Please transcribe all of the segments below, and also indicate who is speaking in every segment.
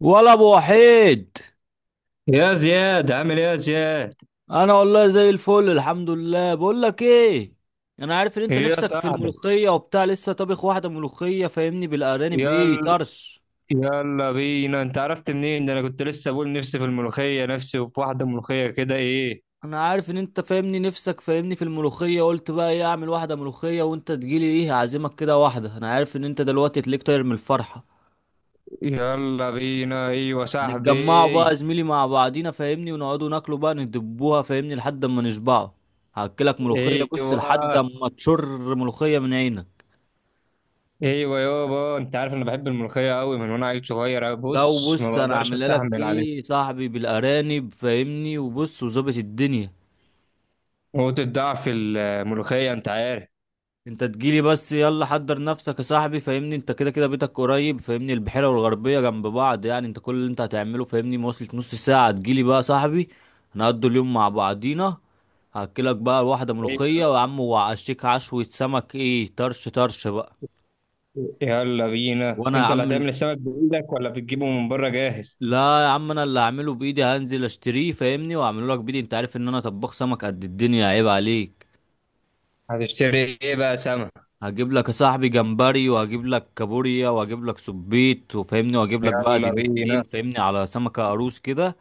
Speaker 1: ولا ابو وحيد.
Speaker 2: يا زياد، عامل ايه يا زياد؟
Speaker 1: انا والله زي الفل الحمد لله، بقول لك ايه، انا عارف ان انت
Speaker 2: ايه يا
Speaker 1: نفسك في
Speaker 2: صاحبي.
Speaker 1: الملوخيه وبتاع، لسه طابخ واحده ملوخيه فاهمني بالارانب، ايه
Speaker 2: يلا.
Speaker 1: طرش.
Speaker 2: يلا بينا، انت عرفت منين ده؟ انا كنت لسه بقول نفسي في الملوخيه، نفسي في واحده ملوخيه كده، ايه.
Speaker 1: انا عارف ان انت فاهمني نفسك فاهمني في الملوخيه، قلت بقى ايه اعمل واحده ملوخيه وانت تجيلي، ايه هعزمك كده واحده، انا عارف ان انت دلوقتي تليك طاير من الفرحه.
Speaker 2: يلا بينا. ايوه
Speaker 1: هنتجمعوا بقى يا
Speaker 2: صاحبي.
Speaker 1: زميلي مع بعضينا فاهمني، ونقعدوا ناكلوا بقى ندبوها فاهمني لحد اما نشبعوا. هاكلك ملوخيه بص
Speaker 2: ايوه.
Speaker 1: لحد اما تشر ملوخيه من عينك.
Speaker 2: ايوه يابا، انت عارف انا بحب الملوخيه قوي من وانا عيل صغير،
Speaker 1: لو
Speaker 2: بص ما
Speaker 1: بص انا
Speaker 2: بقدرش
Speaker 1: عامل لك
Speaker 2: استحمل عليها.
Speaker 1: ايه يا صاحبي بالارانب فاهمني وبص وظابط الدنيا.
Speaker 2: نقطه ضعف الملوخيه، انت عارف.
Speaker 1: انت تجيلي بس، يلا حضر نفسك يا صاحبي فاهمني، انت كده كده بيتك قريب فاهمني، البحيره والغربيه جنب بعض، يعني انت كل اللي انت هتعمله فاهمني مواصله نص ساعه تجيلي بقى يا صاحبي. هنقضي اليوم مع بعضينا. هاكلك بقى واحده ملوخيه، ويا عم وعشيك عشوه سمك، ايه طرش طرش بقى.
Speaker 2: يلا بينا.
Speaker 1: وانا يا
Speaker 2: انت اللي
Speaker 1: عم،
Speaker 2: هتعمل السمك بايدك ولا بتجيبه من بره جاهز؟
Speaker 1: لا يا عم انا اللي هعمله بايدي، هنزل اشتريه فاهمني واعمله لك بايدي، انت عارف ان انا طباخ سمك قد الدنيا، عيب عليك.
Speaker 2: هتشتري ايه بقى سمك؟
Speaker 1: هجيب لك يا صاحبي جمبري، وهجيب لك كابوريا، وهجيب لك سبيط وفاهمني، وهجيب لك بقى
Speaker 2: يلا
Speaker 1: دينستين
Speaker 2: بينا.
Speaker 1: فاهمني على سمكة قاروص كده.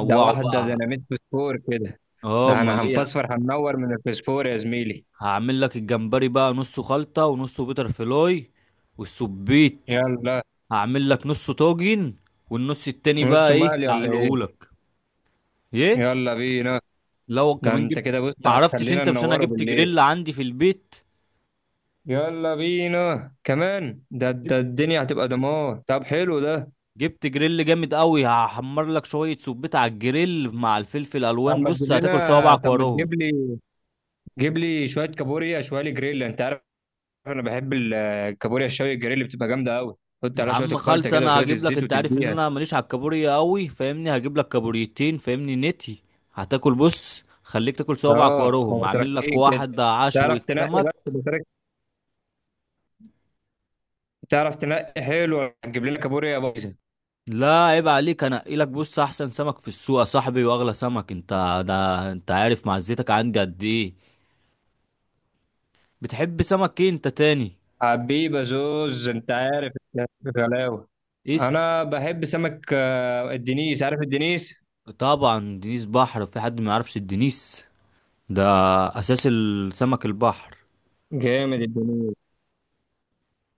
Speaker 2: ده واحدة
Speaker 1: بقى.
Speaker 2: ديناميت فسفور كده.
Speaker 1: اه
Speaker 2: ده
Speaker 1: امال
Speaker 2: انا
Speaker 1: ايه.
Speaker 2: هنفسفر، هننور من الفسفور يا زميلي.
Speaker 1: هعمل لك الجمبري بقى نصه خلطة ونصه بيتر فلاي، والسبيط
Speaker 2: يلا.
Speaker 1: هعمل لك نصه طاجن، والنص التاني
Speaker 2: نص
Speaker 1: بقى ايه
Speaker 2: مقلي ولا ايه؟
Speaker 1: اقلهولك. ايه.
Speaker 2: يلا بينا.
Speaker 1: لو
Speaker 2: ده
Speaker 1: كمان
Speaker 2: انت
Speaker 1: جبت،
Speaker 2: كده بص
Speaker 1: معرفتش
Speaker 2: هتخلينا
Speaker 1: انت مش انا
Speaker 2: ننوره
Speaker 1: جبت
Speaker 2: بالليل.
Speaker 1: جريل عندي في البيت.
Speaker 2: يلا بينا كمان، ده الدنيا هتبقى دمار، طب حلو ده.
Speaker 1: جبت جريل جامد قوي، هحمر لك شويه سبيت على الجريل مع الفلفل الوان، بص هتاكل صوابعك
Speaker 2: طب ما
Speaker 1: وراهم.
Speaker 2: تجيب لي، جيب لي شوية كابوريا، شوية جريل انت عارف. انا بحب الكابوريا الشوي، الجريل بتبقى جامدة قوي. حط
Speaker 1: يا
Speaker 2: عليها شوية
Speaker 1: عم
Speaker 2: الخلطة
Speaker 1: خالص
Speaker 2: كده
Speaker 1: انا
Speaker 2: وشوية
Speaker 1: هجيب لك،
Speaker 2: الزيت
Speaker 1: انت عارف ان
Speaker 2: وتديها.
Speaker 1: انا ماليش على الكابوريا قوي فاهمني، هجيب لك كابوريتين فاهمني نتي. هتاكل، بص خليك تاكل صوابعك
Speaker 2: اه، ما
Speaker 1: وراهم،
Speaker 2: هو
Speaker 1: هعمل لك
Speaker 2: تركين كده.
Speaker 1: واحد
Speaker 2: تعرف
Speaker 1: عشوة
Speaker 2: تنقي بس
Speaker 1: سمك.
Speaker 2: بطريقة، تعرف تنقي حلو، هتجيب لنا كابوريا بايظه.
Speaker 1: لا عيب عليك، انا لك بص احسن سمك في السوق يا صاحبي، واغلى سمك، انت ده انت عارف معزتك عندي قد ايه. بتحب سمك ايه انت تاني؟
Speaker 2: حبيبه زوز انت عارف، غلاوه.
Speaker 1: ايه؟
Speaker 2: انا بحب سمك الدنيس، عارف الدنيس؟
Speaker 1: طبعا دنيس بحر، في حد ما يعرفش الدنيس؟ ده اساس السمك البحر.
Speaker 2: جامد الدنيس.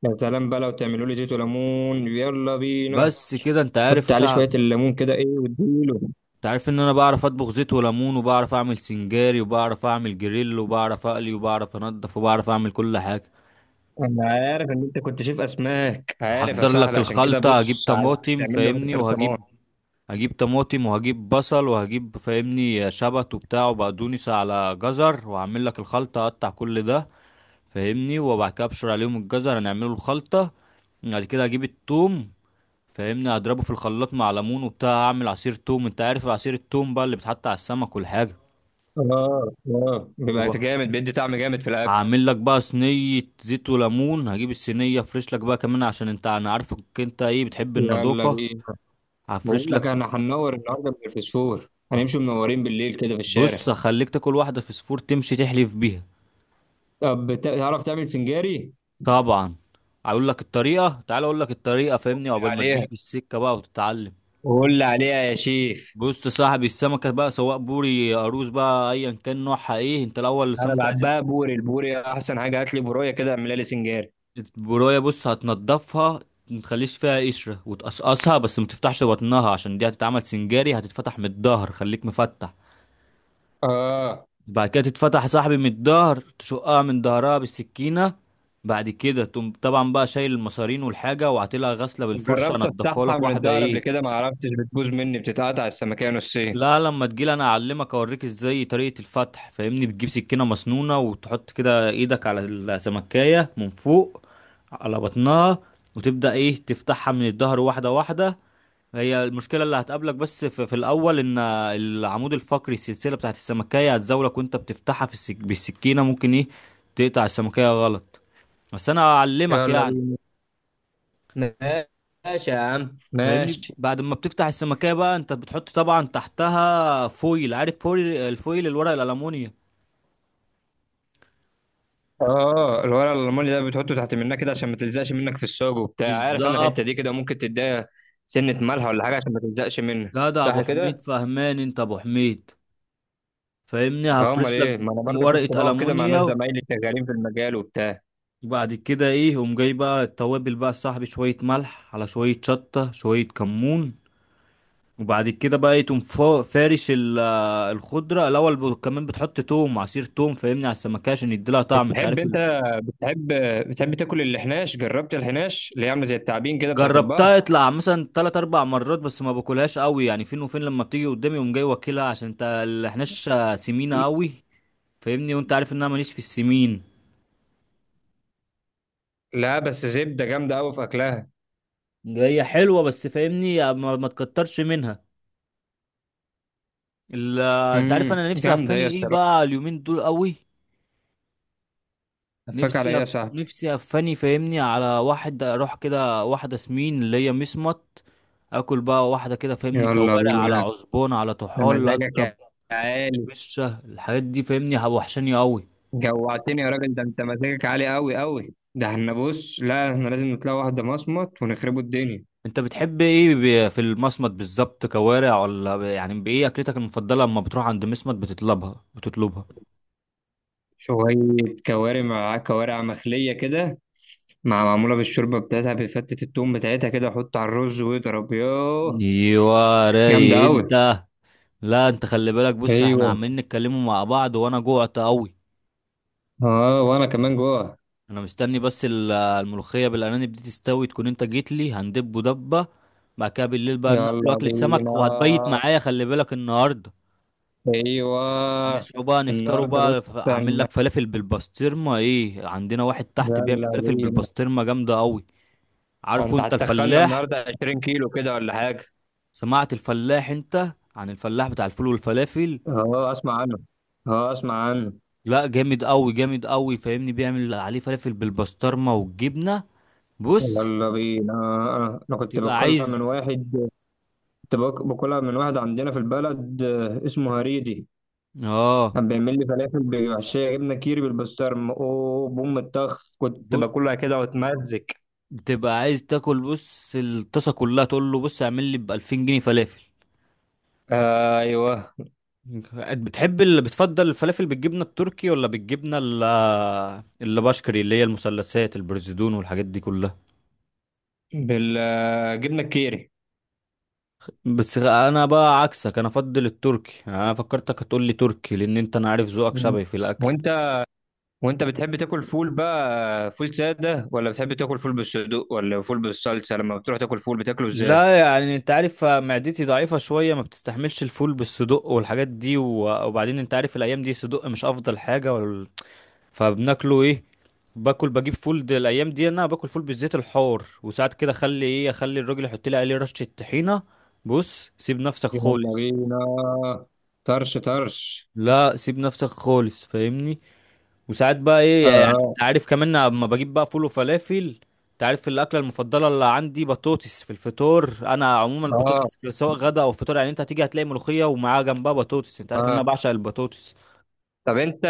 Speaker 2: يا سلام بقى لو تعملوا لي زيت وليمون، يلا بينا.
Speaker 1: بس كده انت
Speaker 2: حط
Speaker 1: عارف
Speaker 2: عليه
Speaker 1: صعب.
Speaker 2: شويه الليمون كده، ايه، واديله.
Speaker 1: انت عارف ان انا بعرف اطبخ زيت وليمون، وبعرف اعمل سنجاري، وبعرف اعمل جريل، وبعرف اقلي، وبعرف انضف، وبعرف اعمل كل حاجه.
Speaker 2: انا عارف ان انت كنت شايف اسماك عارف يا
Speaker 1: هحضر لك
Speaker 2: صاحبي، عشان كده
Speaker 1: الخلطه، هجيب
Speaker 2: بص عايزك
Speaker 1: طماطم
Speaker 2: تعمل لي واحده
Speaker 1: فاهمني
Speaker 2: ترتمان.
Speaker 1: وهجيب، هجيب طماطم وهجيب بصل وهجيب فاهمني شبت وبتاع وبقدونس على جزر، وهعمل لك الخلطه اقطع كل ده فاهمني، وبعد كده ابشر عليهم الجزر هنعمله الخلطه. بعد كده اجيب التوم فاهمني، هضربه في الخلاط مع ليمون وبتاع، هعمل عصير توم، انت عارف عصير التوم بقى اللي بيتحط على السمك والحاجه.
Speaker 2: اه اه، بيبقى
Speaker 1: وبقى
Speaker 2: جامد، بيدي طعم جامد في الاكل.
Speaker 1: هعمل لك بقى صينيه زيت وليمون، هجيب الصينيه افرش لك بقى كمان عشان انت انا عارفك انت ايه بتحب
Speaker 2: يلا
Speaker 1: النظافه.
Speaker 2: بينا. بقول
Speaker 1: هفرش
Speaker 2: لك
Speaker 1: لك.
Speaker 2: انا هننور النهارده من الفسفور،
Speaker 1: هف-
Speaker 2: هنمشي منورين بالليل كده في الشارع.
Speaker 1: بص هخليك تاكل واحده فسفور تمشي تحلف بيها.
Speaker 2: طب تعرف تعمل سنجاري؟
Speaker 1: طبعا. هقول لك الطريقه، تعال اقول لك الطريقه فاهمني، عقبال ما
Speaker 2: عليها،
Speaker 1: تجيلي في السكه بقى وتتعلم.
Speaker 2: قول لي عليها يا شيف.
Speaker 1: بص يا صاحبي، السمكه بقى سواء بوري قاروص بقى ايا كان نوعها، ايه انت الاول
Speaker 2: انا
Speaker 1: السمكه لازم.
Speaker 2: بحبها بوري، البوري احسن حاجه، هات لي بوريه كده اعملها لي سنجاري.
Speaker 1: البرويه بص هتنضفها، متخليش فيها قشرة، وتقصقصها بس ما تفتحش بطنها عشان دي هتتعمل سنجاري، هتتفتح من الظهر، خليك مفتح.
Speaker 2: اه.
Speaker 1: بعد كده تتفتح يا صاحبي من الظهر، تشقها من ظهرها بالسكينة. بعد كده تقوم طبعا بقى شايل المصارين والحاجة، وعاطلها غسلة بالفرشة
Speaker 2: جربت
Speaker 1: انضفها
Speaker 2: افتحها
Speaker 1: لك
Speaker 2: من
Speaker 1: واحدة
Speaker 2: الظهر قبل
Speaker 1: ايه.
Speaker 2: كده ما عرفتش، بتبوظ مني، بتتقطع السمكيه نصين.
Speaker 1: لا لما تجيلي انا اعلمك اوريك ازاي طريقة الفتح فاهمني، بتجيب سكينة مسنونة وتحط كده ايدك على السمكية من فوق على بطنها، وتبدأ ايه تفتحها من الظهر واحدة واحدة. هي المشكلة اللي هتقابلك بس في الاول ان العمود الفقري السلسلة بتاعت السمكية هتزاولك وانت بتفتحها بالسكينة، ممكن ايه تقطع السمكية غلط. بس انا اعلمك
Speaker 2: يلا
Speaker 1: يعني.
Speaker 2: بينا. ماشي يا عم،
Speaker 1: فاهمني
Speaker 2: ماشي.
Speaker 1: بعد ما بتفتح السمكية بقى انت بتحط طبعا تحتها فويل، عارف فويل، الفويل الورق الألموني.
Speaker 2: اه، الورق الالماني ده بتحطه تحت منها كده عشان ما تلزقش منك في الساج وبتاع، عارف انا الحته
Speaker 1: بالظبط.
Speaker 2: دي كده ممكن تديها سنه ملح ولا حاجه عشان ما تلزقش منها،
Speaker 1: جدع
Speaker 2: صح
Speaker 1: ابو حميد،
Speaker 2: كده.
Speaker 1: فهمان انت ابو حميد. فاهمني
Speaker 2: اه امال
Speaker 1: هفرش لك
Speaker 2: ايه، ما انا برضه كنت
Speaker 1: ورقه
Speaker 2: بقعد كده مع ناس
Speaker 1: المونيا،
Speaker 2: زمايلي شغالين في المجال وبتاع.
Speaker 1: وبعد كده ايه قوم جاي بقى التوابل بقى صاحبي، شويه ملح على شويه شطه شويه كمون. وبعد كده بقى ايه تقوم فارش الخضره الاول، كمان بتحط توم، عصير توم فاهمني على السمكه عشان يديلها طعم، انت
Speaker 2: بتحب
Speaker 1: عارف
Speaker 2: انت بتحب بتحب تاكل الحناش؟ جربت الحناش اللي هي عامله زي التعابين كده بتاعت
Speaker 1: جربتها
Speaker 2: البحر؟
Speaker 1: يطلع مثلا تلات اربع مرات، بس ما باكلهاش قوي يعني، فين وفين لما بتيجي قدامي قوم جاي واكلها، عشان انت اللي احناش سمينه قوي فاهمني، وانت عارف ان انا ماليش في السمين.
Speaker 2: لا بس زبده جامده قوي في اكلها.
Speaker 1: هي حلوه بس فاهمني ما تكترش منها. ال- انت عارف انا نفسي
Speaker 2: جامده
Speaker 1: هفاني
Speaker 2: هي
Speaker 1: ايه
Speaker 2: الصراحه.
Speaker 1: بقى اليومين دول قوي.
Speaker 2: هفاك على ايه يا صاحبي؟
Speaker 1: نفسي هفاني فاهمني على واحد اروح كده واحده سمين اللي هي مسمط، اكل بقى واحده كده فاهمني
Speaker 2: يلا
Speaker 1: كوارع على
Speaker 2: بينا.
Speaker 1: عزبون على
Speaker 2: ده
Speaker 1: طحال
Speaker 2: مزاجك
Speaker 1: اضرب.
Speaker 2: يا عالي.
Speaker 1: بشه الحاجات دي فاهمني وحشاني قوي.
Speaker 2: جوعتني يا راجل، ده انت مزاجك عالي قوي قوي، ده احنا بص، لا احنا لازم نطلع واحدة مصمت ونخربوا الدنيا.
Speaker 1: انت بتحب ايه في المصمت بالظبط، كوارع ولا يعني بايه اكلتك المفضله اما بتروح عند مسمط بتطلبها؟ بتطلبها
Speaker 2: شوية كوارع، مع كوارع مخلية كده، مع معمولة بالشوربة بتاعتها، بفتة التوم بتاعتها كده، حط على الرز واضرب يوه.
Speaker 1: ايوه
Speaker 2: جامدة
Speaker 1: راي
Speaker 2: قوي.
Speaker 1: انت. لا انت خلي بالك، بص احنا
Speaker 2: ايوه.
Speaker 1: عمالين نتكلموا مع بعض وانا جوعت قوي.
Speaker 2: اه وانا كمان جوه.
Speaker 1: انا مستني بس الملوخيه بالارانب دي تستوي تكون انت جيت لي، هندب دبه. بعد كده بالليل بقى ناكل
Speaker 2: يلا
Speaker 1: اكله سمك، وهتبيت
Speaker 2: بينا.
Speaker 1: معايا خلي بالك النهارده.
Speaker 2: ايوه.
Speaker 1: نصحوا بقى نفطروا
Speaker 2: النهارده بص،
Speaker 1: بقى، اعمل
Speaker 2: هن-
Speaker 1: لك فلافل بالبسطرمه، ايه عندنا واحد تحت بيعمل
Speaker 2: يلا
Speaker 1: فلافل
Speaker 2: بينا.
Speaker 1: بالبسطرمه جامده قوي. عارفه
Speaker 2: انت
Speaker 1: انت
Speaker 2: هتخنا
Speaker 1: الفلاح؟
Speaker 2: النهارده 20 كيلو كده ولا حاجة؟
Speaker 1: سمعت الفلاح انت عن الفلاح بتاع الفول والفلافل؟
Speaker 2: اه اسمع عنه، اه اسمع عنه.
Speaker 1: لا جامد قوي، جامد قوي فاهمني بيعمل عليه فلافل بالبسطرمه والجبنه. بص.
Speaker 2: يلا بينا. انا كنت
Speaker 1: بتبقى
Speaker 2: باكلها
Speaker 1: عايز.
Speaker 2: من واحد، كنت باكلها من واحد عندنا في البلد، اسمه هريدي.
Speaker 1: اه.
Speaker 2: كان بيعمل لي فلافل بمحشيه جبنه كيري بالبسطرمه، اوه بوم الطخ، كنت
Speaker 1: بص
Speaker 2: باكلها كده واتمزج.
Speaker 1: بتبقى عايز تاكل بص الطاسه كلها، تقول له بص اعمل لي ب 2000 جنيه فلافل.
Speaker 2: آه، ايوه.
Speaker 1: بتحب اللي بتفضل الفلافل بالجبنه التركي ولا بالجبنه اللي بشكري اللي هي المثلثات البرزدون والحاجات دي كلها؟
Speaker 2: بالجبنه الكيري.
Speaker 1: بس انا بقى عكسك، انا افضل التركي، انا فكرتك هتقول لي تركي لان انت انا عارف ذوقك
Speaker 2: مم.
Speaker 1: شبهي في الاكل.
Speaker 2: وانت وانت بتحب تاكل فول بقى، فول ساده ولا بتحب تاكل فول بالصدوق ولا فول بالصلصه؟ لما بتروح تاكل فول بتاكله ازاي؟
Speaker 1: لا يعني انت عارف معدتي ضعيفة شوية ما بتستحملش الفول بالصدق والحاجات دي، وبعدين انت عارف الايام دي صدق مش افضل حاجة، فبناكله ايه، باكل بجيب فول دي الايام دي، انا باكل فول بالزيت الحار، وساعات كده اخلي ايه اخلي الراجل يحط لي عليه رشة طحينة. بص سيب نفسك
Speaker 2: يلا
Speaker 1: خالص.
Speaker 2: بينا. طرش طرش.
Speaker 1: لا سيب نفسك خالص فاهمني. وساعات بقى ايه يعني
Speaker 2: اه
Speaker 1: انت عارف كمان اما بجيب بقى فول وفلافل. انت عارف الاكله المفضله اللي عندي بطاطس في الفطار، انا عموما
Speaker 2: اه
Speaker 1: البطاطس سواء غدا او فطار، يعني انت هتيجي هتلاقي ملوخيه ومعاها جنبها بطاطس، انت عارف ان
Speaker 2: اه.
Speaker 1: انا بعشق البطاطس.
Speaker 2: طب انت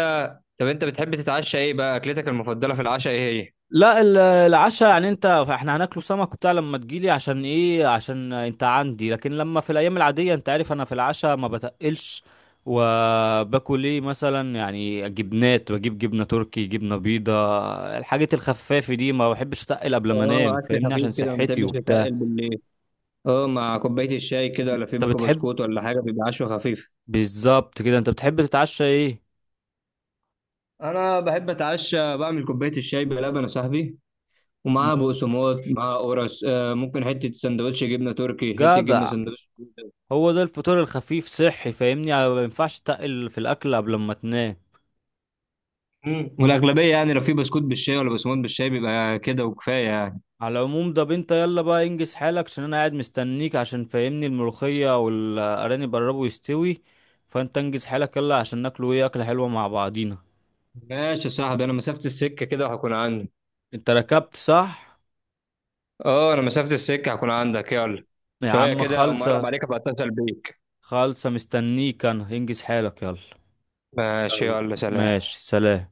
Speaker 2: طب انت بتحب تتعشى ايه بقى؟ اكلتك المفضله في العشاء ايه هي؟
Speaker 1: لا العشاء يعني، انت احنا هناكله سمك وبتاع لما تجيلي عشان ايه عشان انت عندي، لكن لما في الايام العادية انت عارف انا في العشاء ما بتقلش، وباكل ايه مثلا يعني جبنات، بجيب جبنة تركي جبنة بيضة، الحاجات الخفافة دي ما بحبش اتقل قبل ما انام
Speaker 2: اه اكل
Speaker 1: فاهمني عشان
Speaker 2: خفيف كده، ما
Speaker 1: صحتي
Speaker 2: بتحبش تتقل
Speaker 1: وبتاع.
Speaker 2: بالليل. اه مع كوبايه الشاي كده، ولا في
Speaker 1: انت
Speaker 2: بيكو
Speaker 1: بتحب
Speaker 2: بسكوت ولا حاجه بيبقى عشوه خفيفه.
Speaker 1: بالظبط كده، انت بتحب تتعشى ايه؟
Speaker 2: انا بحب اتعشى بعمل كوبايه الشاي بلبن يا صاحبي، ومعاها
Speaker 1: مم.
Speaker 2: بقسماط، معاها قرص، ممكن حته سندوتش جبنه تركي، حته جبنه
Speaker 1: جدع،
Speaker 2: سندوتش.
Speaker 1: هو ده الفطور الخفيف صحي فاهمني، يعني ما ينفعش تقل في الاكل قبل ما تنام.
Speaker 2: مم. والاغلبيه يعني لو في بسكوت بالشاي ولا بقسماط بالشاي بيبقى كده وكفايه يعني.
Speaker 1: على العموم ده انت يلا بقى انجز حالك عشان انا قاعد مستنيك عشان فاهمني الملوخية والارانب قربوا يستوي، فانت انجز حالك يلا عشان ناكلوا ايه اكلة حلوة مع بعضينا.
Speaker 2: ماشي يا صاحبي، انا مسافه السكه كده وهكون عندي.
Speaker 1: انت ركبت صح؟
Speaker 2: اه انا مسافة السكة هكون عندك، يلا.
Speaker 1: يا
Speaker 2: شوية
Speaker 1: عم
Speaker 2: كده مرة
Speaker 1: خالصة.
Speaker 2: عليك، ابقى اتصل بيك.
Speaker 1: خالصة مستنيك انا، انجز حالك يلا.
Speaker 2: ماشي
Speaker 1: يلا.
Speaker 2: يلا، سلام.
Speaker 1: ماشي سلام.